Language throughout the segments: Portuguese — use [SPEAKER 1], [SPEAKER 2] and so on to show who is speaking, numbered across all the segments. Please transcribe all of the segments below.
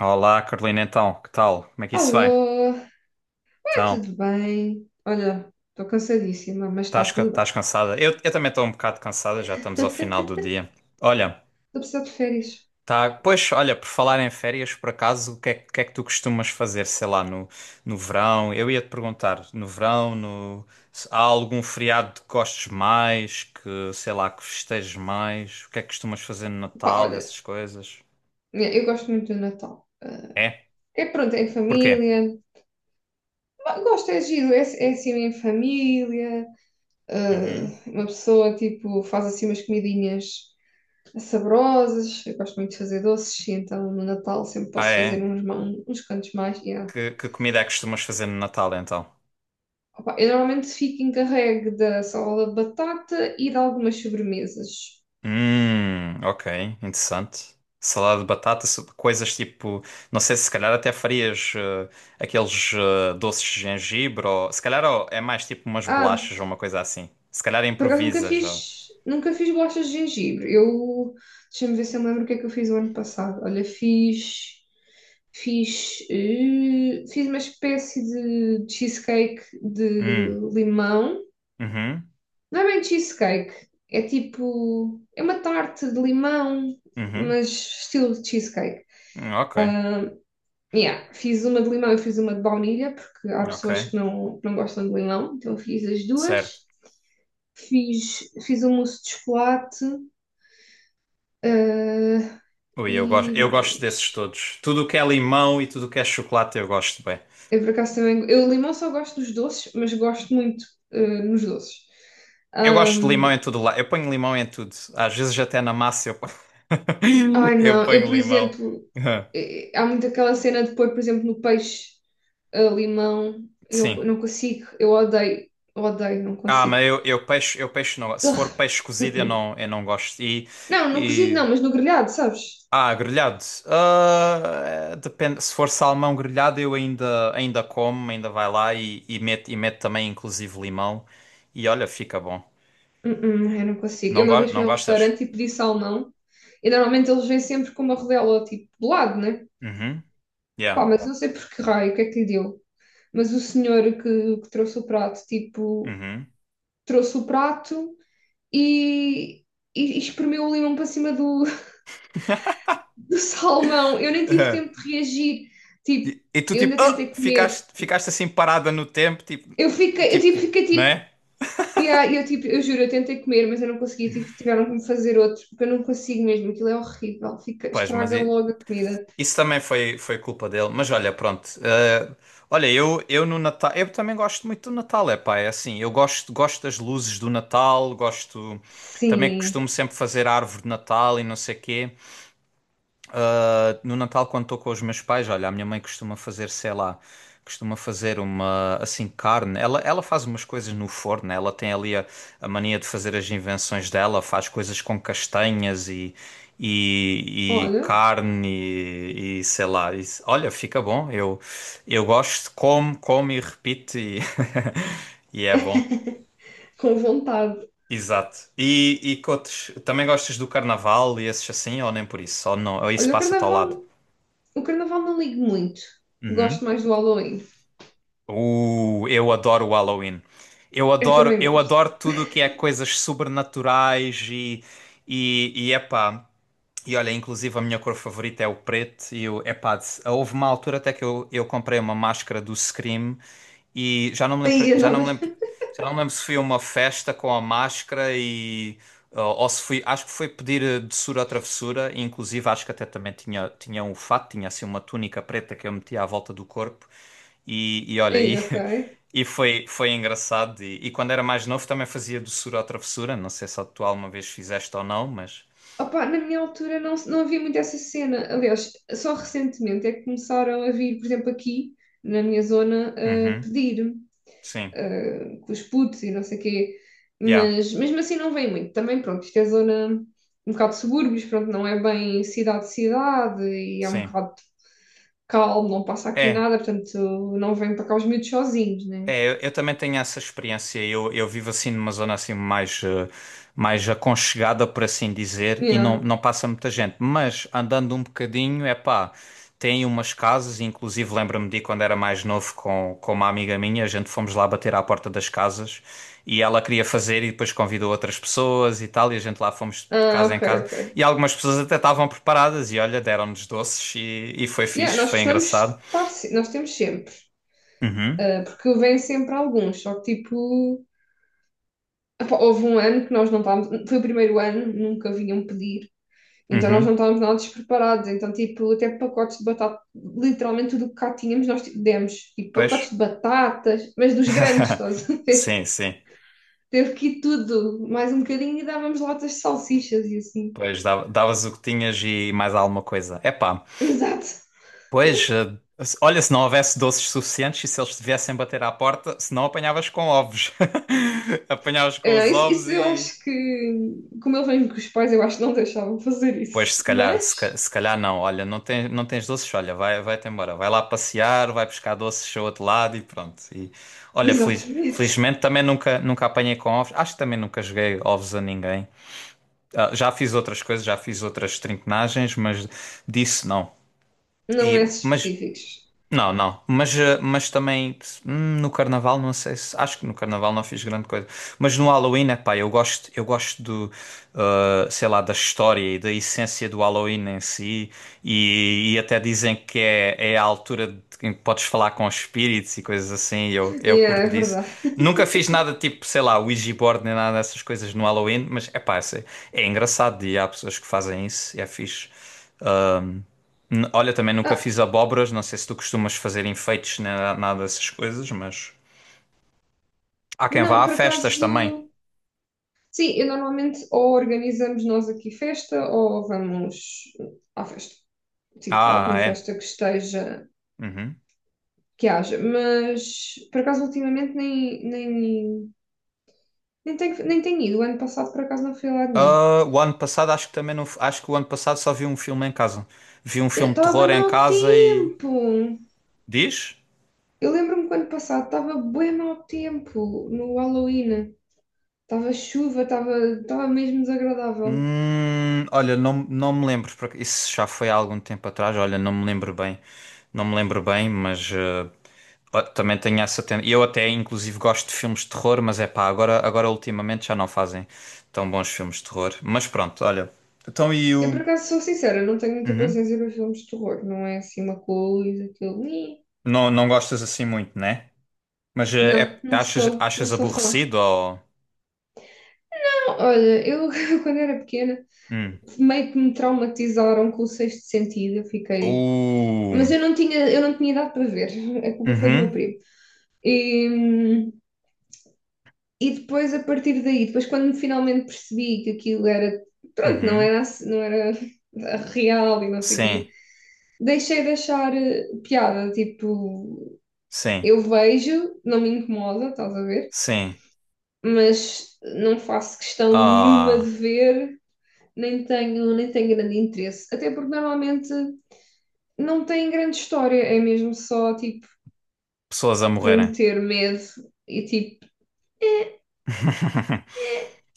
[SPEAKER 1] Olá, Carolina, então, que tal? Como é que isso vai?
[SPEAKER 2] Alô, vai
[SPEAKER 1] Então,
[SPEAKER 2] tudo bem? Olha, estou cansadíssima, mas está tudo bem.
[SPEAKER 1] estás cansada? Eu também estou um bocado cansada, já estamos ao final do
[SPEAKER 2] Estou
[SPEAKER 1] dia. Olha,
[SPEAKER 2] precisando de férias.
[SPEAKER 1] tá, pois, olha, por falar em férias, por acaso, o que é que tu costumas fazer, sei lá, no verão? Eu ia-te perguntar, no verão, no, se há algum feriado que gostes mais, que, sei lá, que festejes mais? O que é que costumas fazer no
[SPEAKER 2] Pá,
[SPEAKER 1] Natal, e
[SPEAKER 2] olha,
[SPEAKER 1] essas coisas?
[SPEAKER 2] eu gosto muito do Natal. Ah,
[SPEAKER 1] É?
[SPEAKER 2] é pronto, é em
[SPEAKER 1] Porquê?
[SPEAKER 2] família. Bah, gosto, é giro, é assim em família. Ah,
[SPEAKER 1] Uhum.
[SPEAKER 2] uma pessoa, tipo, faz assim umas comidinhas saborosas. Eu gosto muito de fazer doces, e então no Natal sempre
[SPEAKER 1] Ah,
[SPEAKER 2] posso fazer
[SPEAKER 1] é?
[SPEAKER 2] uns cantos mais. Yeah.
[SPEAKER 1] Que comida é que costumas fazer no Natal, então?
[SPEAKER 2] Opa, eu normalmente fico encarregue da salada de batata e de algumas sobremesas.
[SPEAKER 1] Ok, interessante. Salada de batata, coisas tipo, não sei se calhar até farias aqueles doces de gengibre ou se calhar ó, é mais tipo umas
[SPEAKER 2] Ah,
[SPEAKER 1] bolachas ou uma coisa assim. Se calhar
[SPEAKER 2] por acaso nunca
[SPEAKER 1] improvisas. Ó.
[SPEAKER 2] fiz, nunca fiz bolachas de gengibre. Deixa-me ver se eu me lembro o que é que eu fiz o ano passado. Olha, fiz uma espécie de cheesecake de
[SPEAKER 1] Hum,
[SPEAKER 2] limão.
[SPEAKER 1] uhum,
[SPEAKER 2] Não é bem cheesecake, é tipo, é uma tarte de limão,
[SPEAKER 1] uhum,
[SPEAKER 2] mas estilo de cheesecake.
[SPEAKER 1] hum, ok,
[SPEAKER 2] Yeah, fiz uma de limão e fiz uma de baunilha, porque há
[SPEAKER 1] ok,
[SPEAKER 2] pessoas que não gostam de limão, então fiz as
[SPEAKER 1] certo.
[SPEAKER 2] duas. Fiz um mousse de chocolate. Ah,
[SPEAKER 1] Ui, eu gosto,
[SPEAKER 2] e
[SPEAKER 1] eu gosto desses
[SPEAKER 2] mais.
[SPEAKER 1] todos. Tudo o que é limão e tudo o que é chocolate eu gosto bem.
[SPEAKER 2] Eu por acaso também. Eu limão só gosto dos doces, mas gosto muito ah, nos doces.
[SPEAKER 1] Eu gosto de limão em
[SPEAKER 2] Ahm,
[SPEAKER 1] tudo lá. Eu ponho limão em tudo. Às vezes até na massa eu ponho,
[SPEAKER 2] Ai
[SPEAKER 1] eu
[SPEAKER 2] não, eu
[SPEAKER 1] ponho
[SPEAKER 2] por
[SPEAKER 1] limão.
[SPEAKER 2] exemplo. Há muito aquela cena de pôr, por exemplo, no peixe limão.
[SPEAKER 1] Sim.
[SPEAKER 2] Eu não consigo, eu odeio, odeio, não
[SPEAKER 1] Ah, mas
[SPEAKER 2] consigo.
[SPEAKER 1] eu peixe não. Se
[SPEAKER 2] Ugh,
[SPEAKER 1] for peixe cozido, eu
[SPEAKER 2] uh-uh.
[SPEAKER 1] não, eu não gosto.
[SPEAKER 2] Não, no cozido
[SPEAKER 1] E...
[SPEAKER 2] não, mas no grelhado, sabes?
[SPEAKER 1] Ah, grelhado. Ah, depende. Se for salmão grelhado, ainda como, ainda vai lá e mete também, inclusive, limão. E olha, fica bom.
[SPEAKER 2] Uh-uh, eu não consigo.
[SPEAKER 1] Não,
[SPEAKER 2] Eu uma
[SPEAKER 1] go
[SPEAKER 2] vez fui
[SPEAKER 1] não
[SPEAKER 2] a um
[SPEAKER 1] gostas?
[SPEAKER 2] restaurante e pedi salmão. E normalmente eles vêm sempre com uma rodela tipo do lado, né?
[SPEAKER 1] Uhum. Yeah.
[SPEAKER 2] Pá, mas não sei por que raio, o que é que lhe deu. Mas o senhor que trouxe o prato, tipo,
[SPEAKER 1] Uhum.
[SPEAKER 2] trouxe o prato e, e espremeu o limão para cima do, do salmão. Eu nem tive
[SPEAKER 1] Uhum.
[SPEAKER 2] tempo de reagir. Tipo,
[SPEAKER 1] E, e tu,
[SPEAKER 2] eu ainda
[SPEAKER 1] tipo,
[SPEAKER 2] tentei
[SPEAKER 1] ah,
[SPEAKER 2] comer.
[SPEAKER 1] ficaste, ficaste assim parada no tempo, tipo,
[SPEAKER 2] Eu fiquei, eu
[SPEAKER 1] tipo,
[SPEAKER 2] tipo, fiquei
[SPEAKER 1] não
[SPEAKER 2] tipo,
[SPEAKER 1] é?
[SPEAKER 2] yeah, eu tipo, eu juro, eu tentei comer, mas eu não conseguia, tiveram que me fazer outro, porque eu não consigo mesmo, aquilo é horrível, fica,
[SPEAKER 1] Pois, mas
[SPEAKER 2] estraga
[SPEAKER 1] e-
[SPEAKER 2] logo a comida.
[SPEAKER 1] Isso também foi, foi culpa dele, mas olha, pronto. Olha, eu no Natal, eu também gosto muito do Natal, é pá, é assim, gosto das luzes do Natal, gosto, também
[SPEAKER 2] Sim,
[SPEAKER 1] costumo sempre fazer a árvore de Natal e não sei quê. Ah, no Natal, quando estou com os meus pais, olha, a minha mãe costuma fazer, sei lá, costuma fazer uma, assim, carne. Ela faz umas coisas no forno, né? Ela tem ali a mania de fazer as invenções dela, faz coisas com castanhas e
[SPEAKER 2] olha,
[SPEAKER 1] carne e sei lá. Olha, fica bom, eu gosto, como e repito e, e é bom.
[SPEAKER 2] com vontade.
[SPEAKER 1] Exato. E que outros? Também gostas do carnaval e esses assim, ou nem por isso? Ou não? Ou isso
[SPEAKER 2] Olha o
[SPEAKER 1] passa-te ao lado?
[SPEAKER 2] carnaval O carnaval não ligo muito.
[SPEAKER 1] Hum?
[SPEAKER 2] Gosto mais do Halloween.
[SPEAKER 1] Eu adoro o Halloween.
[SPEAKER 2] Eu também
[SPEAKER 1] Eu
[SPEAKER 2] gosto.
[SPEAKER 1] adoro tudo o que é coisas sobrenaturais e epá. E olha, inclusive a minha cor favorita é o preto e o epá, houve uma altura até que eu comprei uma máscara do Scream e
[SPEAKER 2] Aí andava.
[SPEAKER 1] já não me lembro se fui a uma festa com a máscara ou se fui, acho que foi pedir doçura ou travessura, e inclusive acho que até também tinha um fato, tinha assim uma túnica preta que eu metia à volta do corpo. E, e olha, e,
[SPEAKER 2] Aí, ok.
[SPEAKER 1] e foi, foi engraçado. E quando era mais novo também fazia doçura ou travessura. Não sei se tu alguma vez fizeste ou não, mas.
[SPEAKER 2] Opa, na minha altura não havia muito essa cena. Aliás, só recentemente é que começaram a vir, por exemplo, aqui na minha zona, a
[SPEAKER 1] Uhum.
[SPEAKER 2] pedir
[SPEAKER 1] Sim,
[SPEAKER 2] com os putos e não sei o quê.
[SPEAKER 1] yeah,
[SPEAKER 2] Mas mesmo assim não vem muito. Também, pronto, isto é zona um bocado de subúrbios, pronto, não é bem cidade-cidade e é um
[SPEAKER 1] sim.
[SPEAKER 2] bocado calmo, não passa aqui
[SPEAKER 1] É,
[SPEAKER 2] nada, portanto não vem para cá os miúdos sozinhos, né?
[SPEAKER 1] é, eu também tenho essa experiência. Eu vivo assim numa zona assim mais, mais aconchegada, por assim dizer, e não,
[SPEAKER 2] Yeah.
[SPEAKER 1] não passa muita gente. Mas andando um bocadinho, é pá, tem umas casas, inclusive lembro-me de quando era mais novo com uma amiga minha, a gente fomos lá bater à porta das casas e ela queria fazer e depois convidou outras pessoas e tal, e a gente lá fomos. De
[SPEAKER 2] Ah,
[SPEAKER 1] casa em
[SPEAKER 2] ok,
[SPEAKER 1] casa,
[SPEAKER 2] ok.
[SPEAKER 1] e algumas pessoas até estavam preparadas, e olha, deram-nos doces, e foi
[SPEAKER 2] Yeah,
[SPEAKER 1] fixe,
[SPEAKER 2] nós
[SPEAKER 1] foi
[SPEAKER 2] costumamos
[SPEAKER 1] engraçado.
[SPEAKER 2] estar, se- nós temos sempre,
[SPEAKER 1] Uhum.
[SPEAKER 2] porque vêm sempre alguns, só que tipo, epá, houve um ano que nós não estávamos, foi o primeiro ano, nunca vinham pedir, então nós não
[SPEAKER 1] Uhum,
[SPEAKER 2] estávamos nada despreparados, então tipo, até pacotes de batata, literalmente tudo o que cá tínhamos nós tipo, demos, tipo,
[SPEAKER 1] pois.
[SPEAKER 2] pacotes de batatas, mas dos grandes, estás a ver?
[SPEAKER 1] Sim, sim.
[SPEAKER 2] Teve que ir tudo, mais um bocadinho e dávamos latas de salsichas e assim.
[SPEAKER 1] Pois, davas o que tinhas e mais alguma coisa. Epá,
[SPEAKER 2] Exato.
[SPEAKER 1] pois, olha, se não houvesse doces suficientes e se eles te viessem bater à porta, se não apanhavas com ovos. Apanhavas
[SPEAKER 2] É,
[SPEAKER 1] com
[SPEAKER 2] não,
[SPEAKER 1] os
[SPEAKER 2] isso,
[SPEAKER 1] ovos
[SPEAKER 2] isso eu
[SPEAKER 1] e...
[SPEAKER 2] acho que, como ele vem com os pais, eu acho que não deixavam fazer
[SPEAKER 1] Pois, se
[SPEAKER 2] isso.
[SPEAKER 1] calhar,
[SPEAKER 2] Mas,
[SPEAKER 1] se calhar não. Olha, não tens doces, olha, vai-te embora. Vai lá passear, vai buscar doces ao outro lado e pronto. E olha,
[SPEAKER 2] exatamente,
[SPEAKER 1] felizmente também nunca, nunca apanhei com ovos. Acho que também nunca joguei ovos a ninguém. Ah, já fiz outras coisas, já fiz outras trinquenagens, mas disso não.
[SPEAKER 2] não é
[SPEAKER 1] E,
[SPEAKER 2] esses
[SPEAKER 1] mas
[SPEAKER 2] específicos.
[SPEAKER 1] não, não, mas, eh, mas também no Carnaval, não sei se. Acho que no Carnaval não fiz grande coisa. Mas no Halloween, epá, eu gosto do, sei lá, da história e da essência do Halloween em si. E até dizem que é, é a altura em que podes falar com espíritos e coisas assim. E eu
[SPEAKER 2] Yeah,
[SPEAKER 1] curto
[SPEAKER 2] é
[SPEAKER 1] disso.
[SPEAKER 2] verdade.
[SPEAKER 1] Nunca fiz nada tipo, sei lá, Ouija board nem nada dessas coisas no Halloween, mas epá, é, é engraçado e há pessoas que fazem isso e é fixe. Ahm, Olha, também nunca fiz
[SPEAKER 2] Ah,
[SPEAKER 1] abóboras, não sei se tu costumas fazer enfeites nem nada dessas coisas, mas há quem vá
[SPEAKER 2] não,
[SPEAKER 1] a
[SPEAKER 2] por
[SPEAKER 1] festas também.
[SPEAKER 2] acaso, sim, eu normalmente ou organizamos nós aqui festa ou vamos à festa. Tipo,
[SPEAKER 1] Ah,
[SPEAKER 2] alguma
[SPEAKER 1] ah, é.
[SPEAKER 2] festa que esteja,
[SPEAKER 1] Uhum.
[SPEAKER 2] que haja, mas por acaso ultimamente nem tenho ido. O ano passado por acaso não fui a lado nenhum.
[SPEAKER 1] Ah, o ano passado acho que também não, acho que o ano passado só vi um filme em casa. Vi um filme de
[SPEAKER 2] Estava bem
[SPEAKER 1] terror em
[SPEAKER 2] mau
[SPEAKER 1] casa e
[SPEAKER 2] tempo!
[SPEAKER 1] diz?
[SPEAKER 2] Eu lembro-me que o ano passado estava bem mau tempo no Halloween. Estava chuva, estava mesmo desagradável.
[SPEAKER 1] Olha, não, não me lembro, porque isso já foi há algum tempo atrás, olha, não me lembro bem, mas ó, também tenho essa tendência. Eu até, inclusive, gosto de filmes de terror, mas é pá, agora ultimamente já não fazem tão bons filmes de terror. Mas pronto, olha, então e
[SPEAKER 2] Eu
[SPEAKER 1] o...
[SPEAKER 2] por acaso sou sincera, não tenho muita
[SPEAKER 1] Uhum.
[SPEAKER 2] paciência para filmes de terror, não é assim uma coisa que eu. "Ih".
[SPEAKER 1] Não, não gostas assim muito, né? Mas eh,
[SPEAKER 2] Não,
[SPEAKER 1] é,
[SPEAKER 2] não sou, não
[SPEAKER 1] achas
[SPEAKER 2] sou fã.
[SPEAKER 1] aborrecido ou...
[SPEAKER 2] Não, olha, eu quando era pequena
[SPEAKER 1] Hum.
[SPEAKER 2] meio que me traumatizaram com o sexto sentido, eu fiquei. Mas
[SPEAKER 1] Uh,
[SPEAKER 2] eu não tinha idade para ver, a culpa foi do meu
[SPEAKER 1] uhum,
[SPEAKER 2] primo. E, e depois, a partir daí, depois quando finalmente percebi que aquilo era, pronto, não
[SPEAKER 1] uhum.
[SPEAKER 2] era, ass- não era real e não sei o
[SPEAKER 1] Sim,
[SPEAKER 2] quê, deixei de achar piada, tipo,
[SPEAKER 1] sim,
[SPEAKER 2] eu vejo, não me incomoda, estás a ver,
[SPEAKER 1] sim.
[SPEAKER 2] mas não faço questão nenhuma de
[SPEAKER 1] Ah...
[SPEAKER 2] ver, nem tenho grande interesse, até porque normalmente não tem grande história, é mesmo só, tipo,
[SPEAKER 1] pessoas a
[SPEAKER 2] para
[SPEAKER 1] morrerem.
[SPEAKER 2] meter medo e, tipo.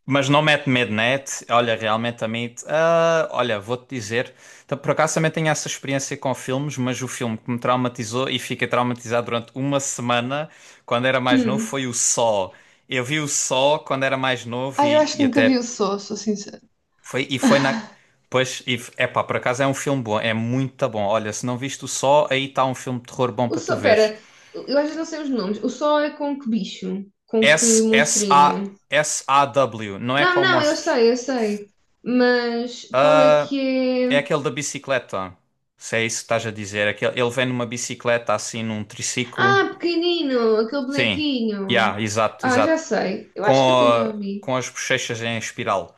[SPEAKER 1] Mas não mete medo, né? Olha, realmente a mim, ah, olha, vou-te dizer, então, por acaso também tenho essa experiência com filmes, mas o filme que me traumatizou e fiquei traumatizado durante uma semana quando era mais novo
[SPEAKER 2] Hum.
[SPEAKER 1] foi o Saw. Eu vi o Saw quando era mais novo
[SPEAKER 2] Ah, eu acho
[SPEAKER 1] e
[SPEAKER 2] que nunca vi
[SPEAKER 1] até
[SPEAKER 2] o Só, sou sincera.
[SPEAKER 1] foi na pois, é pá, por acaso é um filme bom, é muito bom. Olha, se não viste o Saw, aí está um filme de terror bom
[SPEAKER 2] O
[SPEAKER 1] para tu
[SPEAKER 2] só,
[SPEAKER 1] veres.
[SPEAKER 2] pera, eu às vezes não sei os nomes. O sol é com que bicho? Com que
[SPEAKER 1] S S A
[SPEAKER 2] monstrinho?
[SPEAKER 1] S A W, não é
[SPEAKER 2] Não,
[SPEAKER 1] com
[SPEAKER 2] não, eu
[SPEAKER 1] monstros.
[SPEAKER 2] sei, eu sei. Mas qual é que
[SPEAKER 1] É
[SPEAKER 2] é?
[SPEAKER 1] aquele da bicicleta. Se é isso que estás a dizer. Aquele, ele vem numa bicicleta assim, num triciclo.
[SPEAKER 2] Ah, pequenino, aquele
[SPEAKER 1] Sim.
[SPEAKER 2] bonequinho.
[SPEAKER 1] Yeah, exato,
[SPEAKER 2] Ah, já
[SPEAKER 1] exato.
[SPEAKER 2] sei. Eu
[SPEAKER 1] Com,
[SPEAKER 2] acho que até já
[SPEAKER 1] a-
[SPEAKER 2] vi.
[SPEAKER 1] com as bochechas em espiral.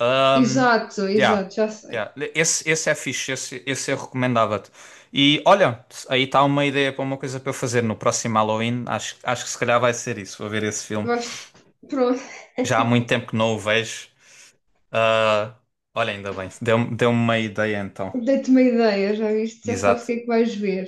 [SPEAKER 1] Um,
[SPEAKER 2] Exato,
[SPEAKER 1] yeah,
[SPEAKER 2] exato, já sei.
[SPEAKER 1] yeah. Esse é fixe, esse eu recomendava-te. E olha, aí está uma ideia para uma coisa para eu fazer no próximo Halloween. Acho que se calhar vai ser isso. Vou ver esse filme.
[SPEAKER 2] Vais... Pronto,
[SPEAKER 1] Já há muito tempo que não o vejo. Ah, olha, ainda bem. Deu-me uma ideia então.
[SPEAKER 2] dei-te uma ideia, já viste? Já sabes o que
[SPEAKER 1] Exato.
[SPEAKER 2] é que vais ver.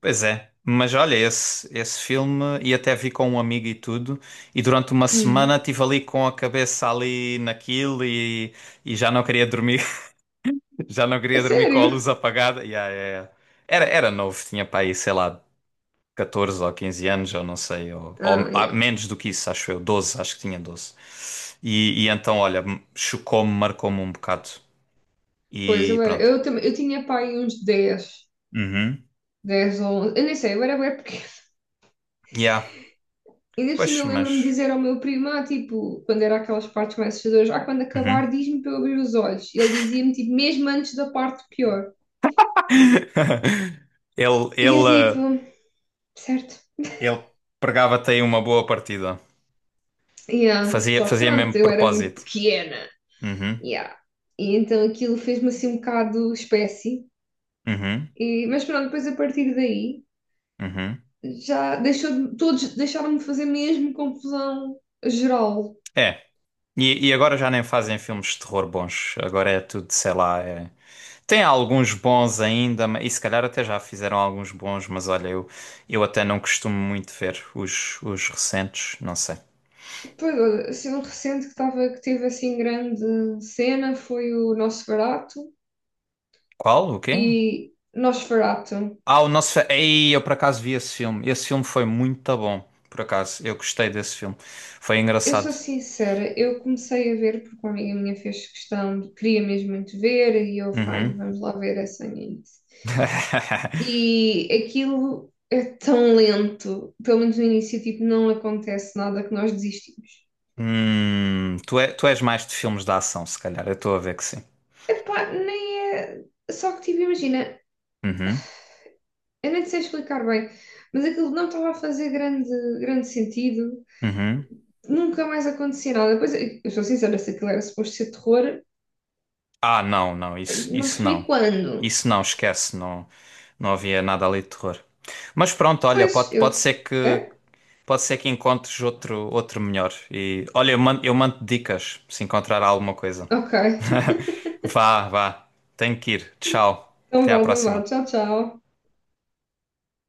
[SPEAKER 1] Pois é, mas olha, esse filme, e até vi com um amigo e tudo, e durante uma semana
[SPEAKER 2] Hum.
[SPEAKER 1] estive ali com a cabeça ali naquilo e já não queria dormir, já não
[SPEAKER 2] A
[SPEAKER 1] queria dormir com a
[SPEAKER 2] sério?
[SPEAKER 1] luz apagada. Yeah, yeah, yeah. Era, era novo, tinha para aí, sei lá, 14 ou 15 anos, ou não sei, ou, ou
[SPEAKER 2] Ah,
[SPEAKER 1] ah,
[SPEAKER 2] yeah.
[SPEAKER 1] menos do que isso, acho eu, 12 acho que tinha 12. E então, olha, chocou-me, marcou-me um bocado.
[SPEAKER 2] Pois,
[SPEAKER 1] E pronto.
[SPEAKER 2] eu, também, eu tinha pai uns dez
[SPEAKER 1] Uhum.
[SPEAKER 2] dez ou 11, eu nem sei, eu era bué pequena.
[SPEAKER 1] Yeah,
[SPEAKER 2] Ainda por cima
[SPEAKER 1] pois,
[SPEAKER 2] eu lembro-me de
[SPEAKER 1] mas.
[SPEAKER 2] dizer ao meu primo, tipo, quando era aquelas partes mais assustadoras, quando
[SPEAKER 1] Uhum.
[SPEAKER 2] acabar diz-me para eu abrir os olhos. E ele dizia-me, tipo, mesmo antes da parte pior.
[SPEAKER 1] Ele,
[SPEAKER 2] E eu
[SPEAKER 1] ele, eh,
[SPEAKER 2] tipo, certo,
[SPEAKER 1] Ele pregava-te aí uma boa partida.
[SPEAKER 2] yeah.
[SPEAKER 1] Fazia,
[SPEAKER 2] Só que
[SPEAKER 1] fazia mesmo
[SPEAKER 2] pronto, eu era muito
[SPEAKER 1] propósito.
[SPEAKER 2] pequena,
[SPEAKER 1] Uhum,
[SPEAKER 2] yeah. E então aquilo fez-me assim um bocado espécie.
[SPEAKER 1] uhum,
[SPEAKER 2] Mas pronto, depois a partir daí,
[SPEAKER 1] uhum.
[SPEAKER 2] já deixou de, todos deixaram-me fazer mesmo confusão geral.
[SPEAKER 1] É. E, e agora já nem fazem filmes de terror bons. Agora é tudo, sei lá. Tem alguns bons ainda, e se calhar até já fizeram alguns bons, mas olha, eu até não costumo muito ver os recentes. Não sei.
[SPEAKER 2] Pois, olha, assim, um recente que teve assim grande cena foi o Nosferatu
[SPEAKER 1] Qual? O quê?
[SPEAKER 2] e Nosferatu.
[SPEAKER 1] Ah, o nosso. Ei, eu por acaso vi esse filme. Esse filme foi muito bom. Por acaso, eu gostei desse filme. Foi
[SPEAKER 2] Eu sou
[SPEAKER 1] engraçado.
[SPEAKER 2] sincera, eu comecei a ver porque uma amiga minha fez questão, queria mesmo muito ver e eu, fine,
[SPEAKER 1] Uhum.
[SPEAKER 2] vamos lá ver essa nisso. E aquilo é tão lento, pelo menos no início, tipo, não acontece nada que nós desistimos.
[SPEAKER 1] Tu, tu és mais de filmes de ação, se calhar. Eu estou a ver que sim.
[SPEAKER 2] Epá, nem é. Só que, tipo, imagina,
[SPEAKER 1] Uhum.
[SPEAKER 2] eu nem sei explicar bem, mas aquilo não estava a fazer grande, grande sentido.
[SPEAKER 1] Uhum.
[SPEAKER 2] Nunca mais acontecia nada. Depois, eu sou sincera, se aquilo era suposto ser terror,
[SPEAKER 1] Ah, não, não, isso,
[SPEAKER 2] não
[SPEAKER 1] isso
[SPEAKER 2] percebi
[SPEAKER 1] não.
[SPEAKER 2] quando.
[SPEAKER 1] Isso não, esquece, não, não havia nada ali de terror. Mas pronto, olha,
[SPEAKER 2] Pois, eu. É?
[SPEAKER 1] pode ser que encontres outro outro melhor. E olha, eu mando dicas se encontrar alguma coisa.
[SPEAKER 2] Ok.
[SPEAKER 1] Vá, vá. Tenho que ir. Tchau.
[SPEAKER 2] Então
[SPEAKER 1] Até à
[SPEAKER 2] vá, então vá.
[SPEAKER 1] próxima.
[SPEAKER 2] Tchau, tchau.